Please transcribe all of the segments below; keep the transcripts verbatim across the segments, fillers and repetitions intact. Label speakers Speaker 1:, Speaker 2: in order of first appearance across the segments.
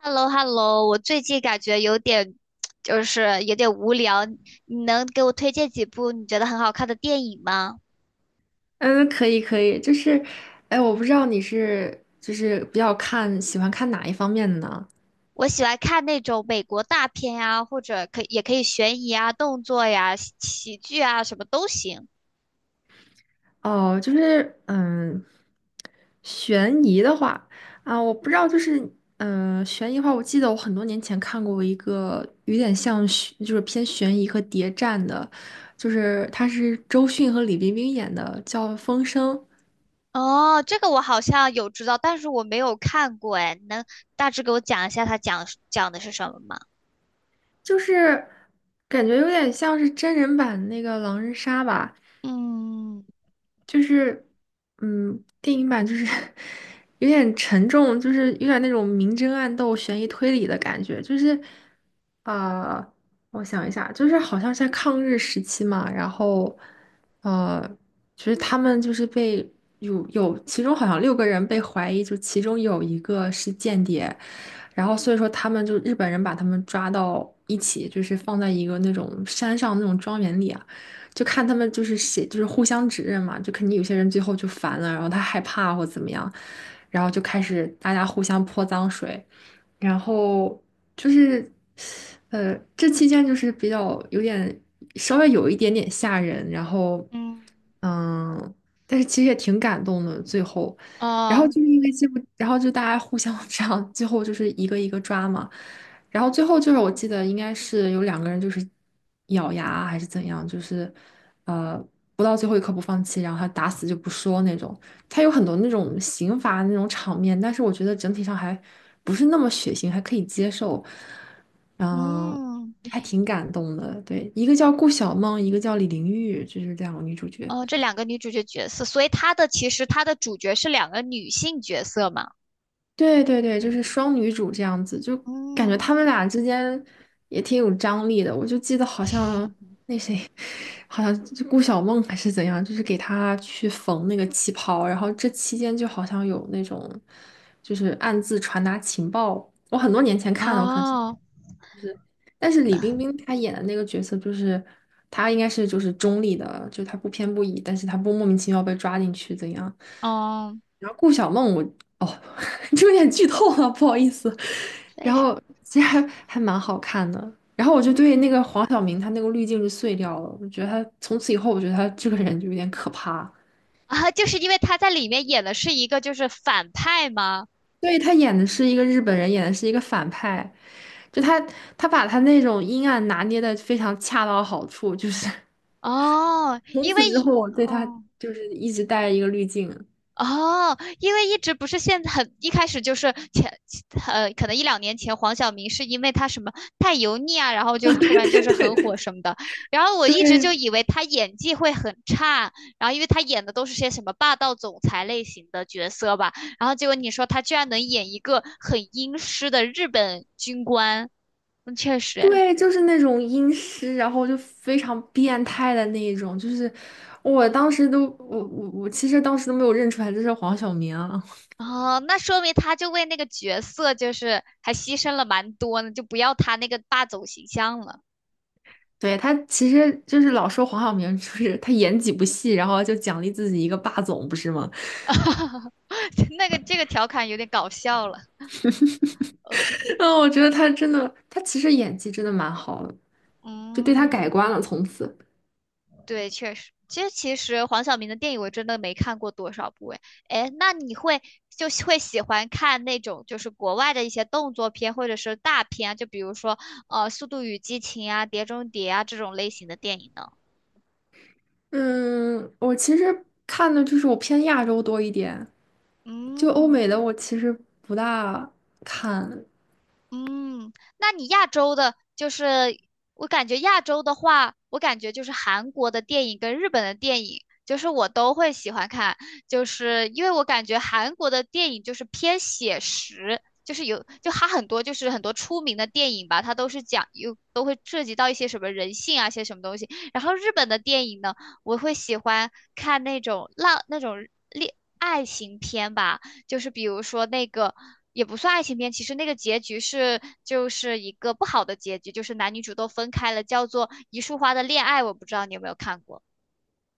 Speaker 1: h e l l o h e l l o 我最近感觉有点，就是有点无聊。你能给我推荐几部你觉得很好看的电影吗？
Speaker 2: 嗯，可以可以，就是，哎，我不知道你是就是比较看喜欢看哪一方面的呢？
Speaker 1: 我喜欢看那种美国大片呀，或者可以也可以悬疑啊、动作呀、喜喜剧啊，什么都行。
Speaker 2: 哦，就是嗯，悬疑的话啊，我不知道，就是嗯，悬疑的话，我记得我很多年前看过一个有点像悬就是偏悬疑和谍战的，就是他是周迅和李冰冰演的，叫《风声》，
Speaker 1: 哦，这个我好像有知道，但是我没有看过哎。你能大致给我讲一下它讲讲的是什么吗？
Speaker 2: 就是感觉有点像是真人版那个狼人杀吧。
Speaker 1: 嗯
Speaker 2: 就是，嗯，电影版就是 有点沉重，就是有点那种明争暗斗、悬疑推理的感觉。就是，呃，我想一下，就是好像是在抗日时期嘛，然后，呃，就是他们就是被有有其中好像六个人被怀疑，就其中有一个是间谍，然后所以说他们就日本人把他们抓到一起，就是放在一个那种山上那种庄园里啊。就看他们就是写，就是互相指认嘛，就肯定有些人最后就烦了，然后他害怕或怎么样，然后就开始大家互相泼脏水，然后就是，呃，这期间就是比较有点稍微有一点点吓人，然后，
Speaker 1: 嗯
Speaker 2: 嗯，但是其实也挺感动的，最后，然后
Speaker 1: 哦
Speaker 2: 就是因为这部，然后就大家互相 这样，最后就是一个一个抓嘛。然后最后就是我记得应该是有两个人就是咬牙啊还是怎样，就是呃不到最后一刻不放弃，然后他打死就不说那种。他有很多那种刑罚那种场面，但是我觉得整体上还不是那么血腥，还可以接受。嗯，
Speaker 1: 嗯，
Speaker 2: 还挺感动的。对，一个叫顾晓梦，一个叫李玲玉，就是两个女主角。
Speaker 1: 哦，这两个女主角角色，所以她的其实她的主角是两个女性角色嘛？
Speaker 2: 对对对，就是双女主这样子，就感觉
Speaker 1: 嗯，
Speaker 2: 他们俩之间也挺有张力的。我就记得好 像那谁，好像就顾晓梦还是怎样，就是给她去缝那个旗袍，然后这期间就好像有那种就是暗自传达情报。我很多年前看的，我可能现
Speaker 1: 哦，
Speaker 2: 但是李冰冰她演的那个角色，就是她应该是就是中立的，就她不偏不倚，但是她不莫名其妙被抓进去怎样？
Speaker 1: 哦，
Speaker 2: 然后顾小梦我，哦，这有点剧透了，不好意思。
Speaker 1: 为
Speaker 2: 然
Speaker 1: 啥？
Speaker 2: 后其实还还蛮好看的。然后我就对那
Speaker 1: 嗯，
Speaker 2: 个黄晓明他那个滤镜就碎掉了，我觉得他从此以后，我觉得他这个人就有点可怕。
Speaker 1: 啊，就是因为她在里面演的是一个就是反派吗？
Speaker 2: 对，他演的是一个日本人，演的是一个反派，就他他把他那种阴暗拿捏的非常恰到好处，就是。
Speaker 1: 哦，
Speaker 2: 从
Speaker 1: 因为，
Speaker 2: 此之后，我对他
Speaker 1: 哦。
Speaker 2: 就是一直戴一个滤镜。
Speaker 1: 哦，因为一直不是现在很一开始就是前呃，可能一两年前黄晓明是因为他什么太油腻啊，然后就
Speaker 2: 啊，
Speaker 1: 突
Speaker 2: 对
Speaker 1: 然就
Speaker 2: 对
Speaker 1: 是
Speaker 2: 对
Speaker 1: 很火
Speaker 2: 对，
Speaker 1: 什么的，然后 我
Speaker 2: 对
Speaker 1: 一直就以为他演技会很差，然后因为他演的都是些什么霸道总裁类型的角色吧，然后结果你说他居然能演一个很阴湿的日本军官，嗯，确实诶，
Speaker 2: 对，就是那种阴湿，然后就非常变态的那一种，就是我当时都我我我其实当时都没有认出来这是黄晓明啊
Speaker 1: 哦，那说明他就为那个角色就是还牺牲了蛮多呢，就不要他那个霸总形象了。
Speaker 2: 对他其实就是老说黄晓明就是他演几部戏，然后就奖励自己一个霸总，不是吗？
Speaker 1: 那个这个调侃有点搞笑了。OK,
Speaker 2: 嗯，我觉得
Speaker 1: 嗯
Speaker 2: 他真的，他其实演技真的蛮好的，就对他
Speaker 1: 嗯，
Speaker 2: 改观了，从此。
Speaker 1: 对，确实，其实其实黄晓明的电影我真的没看过多少部诶。哎，那你会就会喜欢看那种就是国外的一些动作片或者是大片啊，就比如说呃《速度与激情》啊、《碟中谍》啊这种类型的电影呢？
Speaker 2: 嗯，我其实看的就是我偏亚洲多一点，就欧美
Speaker 1: 嗯。
Speaker 2: 的我其实不大看，
Speaker 1: 嗯，那你亚洲的，就是我感觉亚洲的话，我感觉就是韩国的电影跟日本的电影，就是我都会喜欢看，就是因为我感觉韩国的电影就是偏写实，就是有就它很多就是很多出名的电影吧，它都是讲有都会涉及到一些什么人性啊，一些什么东西。然后日本的电影呢，我会喜欢看那种浪那种恋爱情片吧。就是比如说那个也不算爱情片，其实那个结局是就是一个不好的结局，就是男女主都分开了，叫做《一束花的恋爱》，我不知道你有没有看过。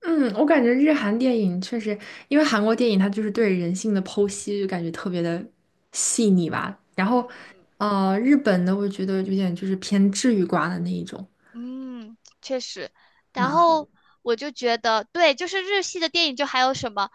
Speaker 2: 嗯，我感觉日韩电影确实，因为韩国电影它就是对人性的剖析，就感觉特别的细腻吧。然
Speaker 1: 嗯。
Speaker 2: 后，呃，日本的我觉得有点就是偏治愈挂的那一种，
Speaker 1: 嗯，确实。然
Speaker 2: 蛮好。
Speaker 1: 后
Speaker 2: 的。
Speaker 1: 我就觉得，对，就是日系的电影，就还有什么，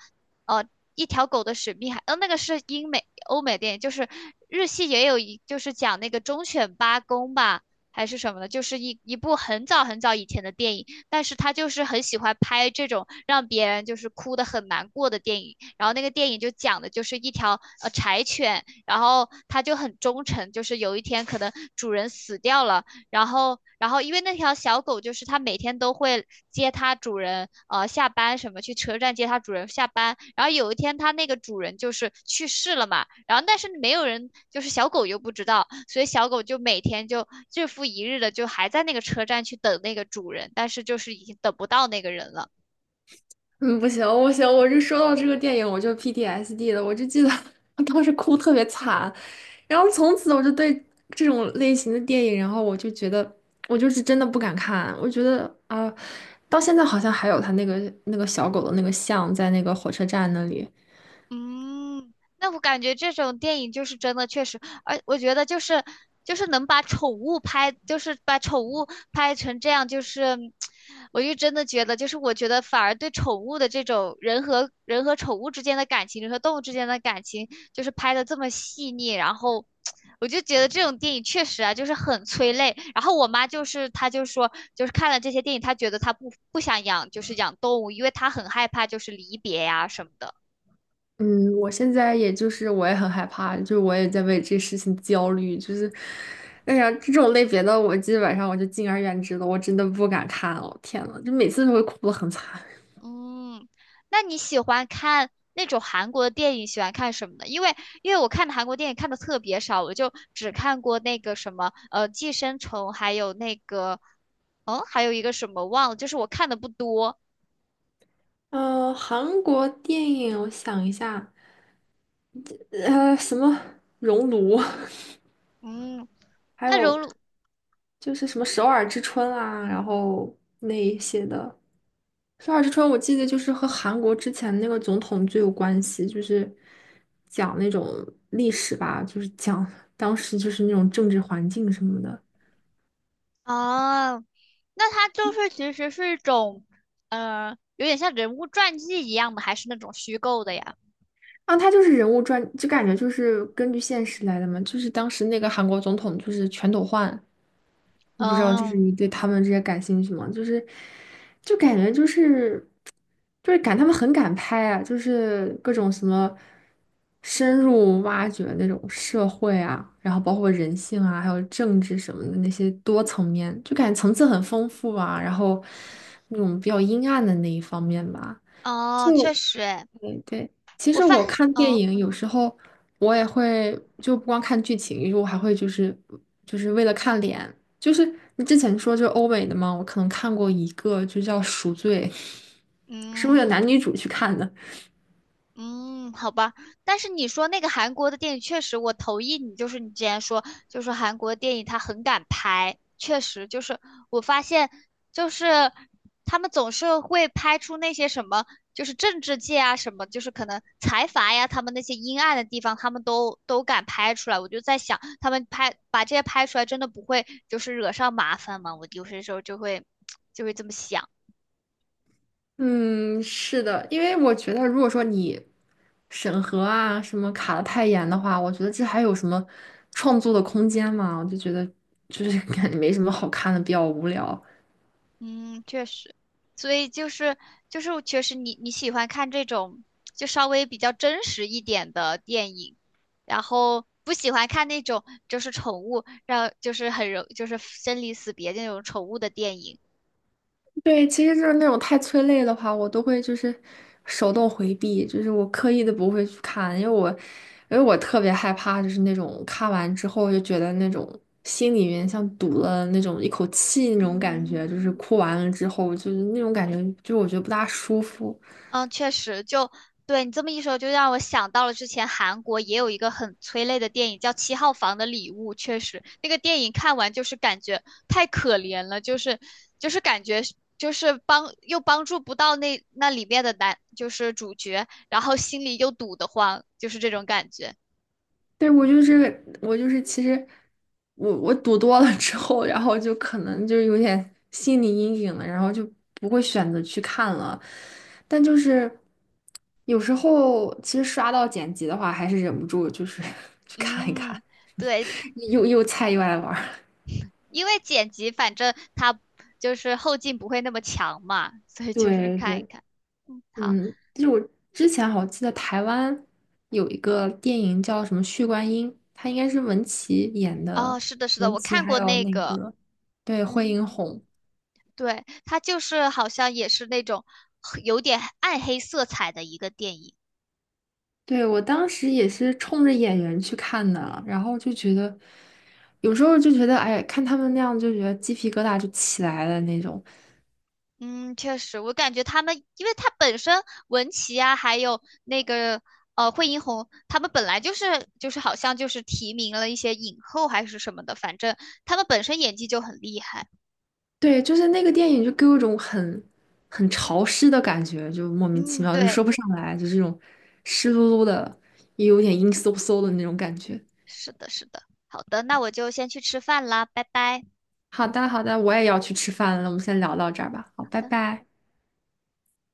Speaker 1: 呃，一条狗的使命还，呃，那个是英美、欧美电影，就是日系也有一，就是讲那个忠犬八公吧，还是什么的，就是一一部很早很早以前的电影，但是他就是很喜欢拍这种让别人就是哭的很难过的电影。然后那个电影就讲的就是一条呃柴犬，然后它就很忠诚，就是有一天可能主人死掉了。然后，然后因为那条小狗就是它每天都会接它主人，呃，下班什么去车站接它主人下班。然后有一天它那个主人就是去世了嘛，然后但是没有人，就是小狗又不知道，所以小狗就每天就日复一日的就还在那个车站去等那个主人，但是就是已经等不到那个人了。
Speaker 2: 嗯，不行，不行，我就说到这个电影，我就 P T S D 了，我就记得 我当时哭特别惨，然后从此我就对这种类型的电影，然后我就觉得我就是真的不敢看，我觉得啊、到现在好像还有他那个那个小狗的那个像在那个火车站那里，
Speaker 1: 嗯，那我感觉这种电影就是真的确实，而我觉得就是就是能把宠物拍，就是把宠物拍成这样，就是我就真的觉得，就是我觉得反而对宠物的这种人和人和宠物之间的感情，人和动物之间的感情，就是拍的这么细腻，然后我就觉得这种电影确实啊，就是很催泪。然后我妈就是她就说，就是看了这些电影，她觉得她不不想养，就是养动物，因为她很害怕就是离别呀、什么的。
Speaker 2: 嗯，我现在也就是我也很害怕，就是我也在为这事情焦虑，就是，哎呀，这种类别的我基本上我就敬而远之了，我真的不敢看哦，天呐，就每次都会哭得很惨。
Speaker 1: 嗯，那你喜欢看那种韩国的电影，喜欢看什么呢？因为因为我看的韩国电影看的特别少，我就只看过那个什么呃《寄生虫》，还有那个哦，还有一个什么忘了，就是我看的不多。
Speaker 2: 呃，韩国电影，我想一下，呃，什么《熔炉》，
Speaker 1: 嗯，
Speaker 2: 还
Speaker 1: 那
Speaker 2: 有
Speaker 1: 荣辱
Speaker 2: 就是什么《首尔之春》啊，然后那一些的。《首尔之春》我记得就是和韩国之前那个总统最有关系，就是讲那种历史吧，就是讲当时就是那种政治环境什么的。
Speaker 1: 啊，那它就是其实是一种，呃，有点像人物传记一样的，还是那种虚构的呀？
Speaker 2: 啊，他就是人物传，就感觉就是根据现实来的嘛，就是当时那个韩国总统就是全斗焕。我不知道，就是
Speaker 1: 嗯
Speaker 2: 你对他们这些感兴趣吗？就是，就感觉就是，就是感他们很敢拍啊，就是各种什么深入挖掘那种社会啊，然后包括人性啊，还有政治什么的那些多层面，就感觉层次很丰富啊，然后那种比较阴暗的那一方面吧。就。
Speaker 1: 哦，确实诶，
Speaker 2: 对对，其
Speaker 1: 我
Speaker 2: 实
Speaker 1: 发
Speaker 2: 我看电
Speaker 1: 嗯
Speaker 2: 影有时候我也会就不光看剧情，我还会就是就是为了看脸，就是你之前说就是欧美的嘛，我可能看过一个就叫《赎罪》，是为了
Speaker 1: 嗯。
Speaker 2: 男女主去看的。
Speaker 1: 嗯，好吧，但是你说那个韩国的电影，确实我同意你，就是你之前说，就是韩国电影它很敢拍，确实就是我发现，就是他们总是会拍出那些什么，就是政治界啊什么，就是可能财阀呀，他们那些阴暗的地方，他们都都敢拍出来。我就在想，他们拍把这些拍出来，真的不会就是惹上麻烦吗？我有些时候就会 就会这么想。
Speaker 2: 嗯，是的，因为我觉得如果说你审核啊什么卡的太严的话，我觉得这还有什么创作的空间嘛？我就觉得就是感觉没什么好看的，比较无聊。
Speaker 1: 嗯，确实，所以就是就是确实你你喜欢看这种就稍微比较真实一点的电影，然后不喜欢看那种就是宠物让就是很容就是生离死别那种宠物的电影。
Speaker 2: 对，其实就是那种太催泪的话，我都会就是手动回避，就是我刻意的不会去看，因为我因为我特别害怕，就是那种看完之后就觉得那种心里面像堵了那种一口气那种感
Speaker 1: 嗯，
Speaker 2: 觉，就是哭完了之后就是那种感觉，就是我觉得不大舒服。
Speaker 1: 嗯，确实，就对你这么一说，就让我想到了之前韩国也有一个很催泪的电影，叫《七号房的礼物》。确实，那个电影看完就是感觉太可怜了，就是就是感觉是就是帮又帮助不到那那里面的男，就是主角，然后心里又堵得慌，就是这种感觉。
Speaker 2: 对，我就是我就是，其实我我赌多了之后，然后就可能就有点心理阴影了，然后就不会选择去看了。但就是有时候其实刷到剪辑的话，还是忍不住就是 去看一看，
Speaker 1: 嗯，对，
Speaker 2: 又又菜又爱玩儿
Speaker 1: 因为剪辑反正他就是后劲不会那么强嘛，所 以就是
Speaker 2: 对
Speaker 1: 看一
Speaker 2: 对，
Speaker 1: 看。嗯，好。
Speaker 2: 嗯，就是我之前好像记得台湾有一个电影叫什么《血观音》，它应该是文淇演
Speaker 1: 哦，
Speaker 2: 的，
Speaker 1: 是的，是的，
Speaker 2: 文
Speaker 1: 我
Speaker 2: 淇
Speaker 1: 看
Speaker 2: 还
Speaker 1: 过
Speaker 2: 有
Speaker 1: 那
Speaker 2: 那
Speaker 1: 个，
Speaker 2: 个对惠
Speaker 1: 嗯，
Speaker 2: 英红。
Speaker 1: 对，它就是好像也是那种有点暗黑色彩的一个电影。
Speaker 2: 对，我当时也是冲着演员去看的，然后就觉得，有时候就觉得，哎，看他们那样就觉得鸡皮疙瘩就起来了那种。
Speaker 1: 嗯，确实，我感觉他们，因为他本身文琪啊，还有那个呃惠英红，他们本来就是就是好像就是提名了一些影后还是什么的，反正他们本身演技就很厉害。
Speaker 2: 对，就是那个电影就给我一种很很潮湿的感觉，就莫名其
Speaker 1: 嗯，
Speaker 2: 妙，就
Speaker 1: 对，
Speaker 2: 说不上来，就是这种湿漉漉的，也有点阴飕飕的那种感觉。
Speaker 1: 是的，是的。好的，那我就先去吃饭啦，拜拜。
Speaker 2: 好的，好的，我也要去吃饭了，我们先聊到这儿吧。好，拜拜。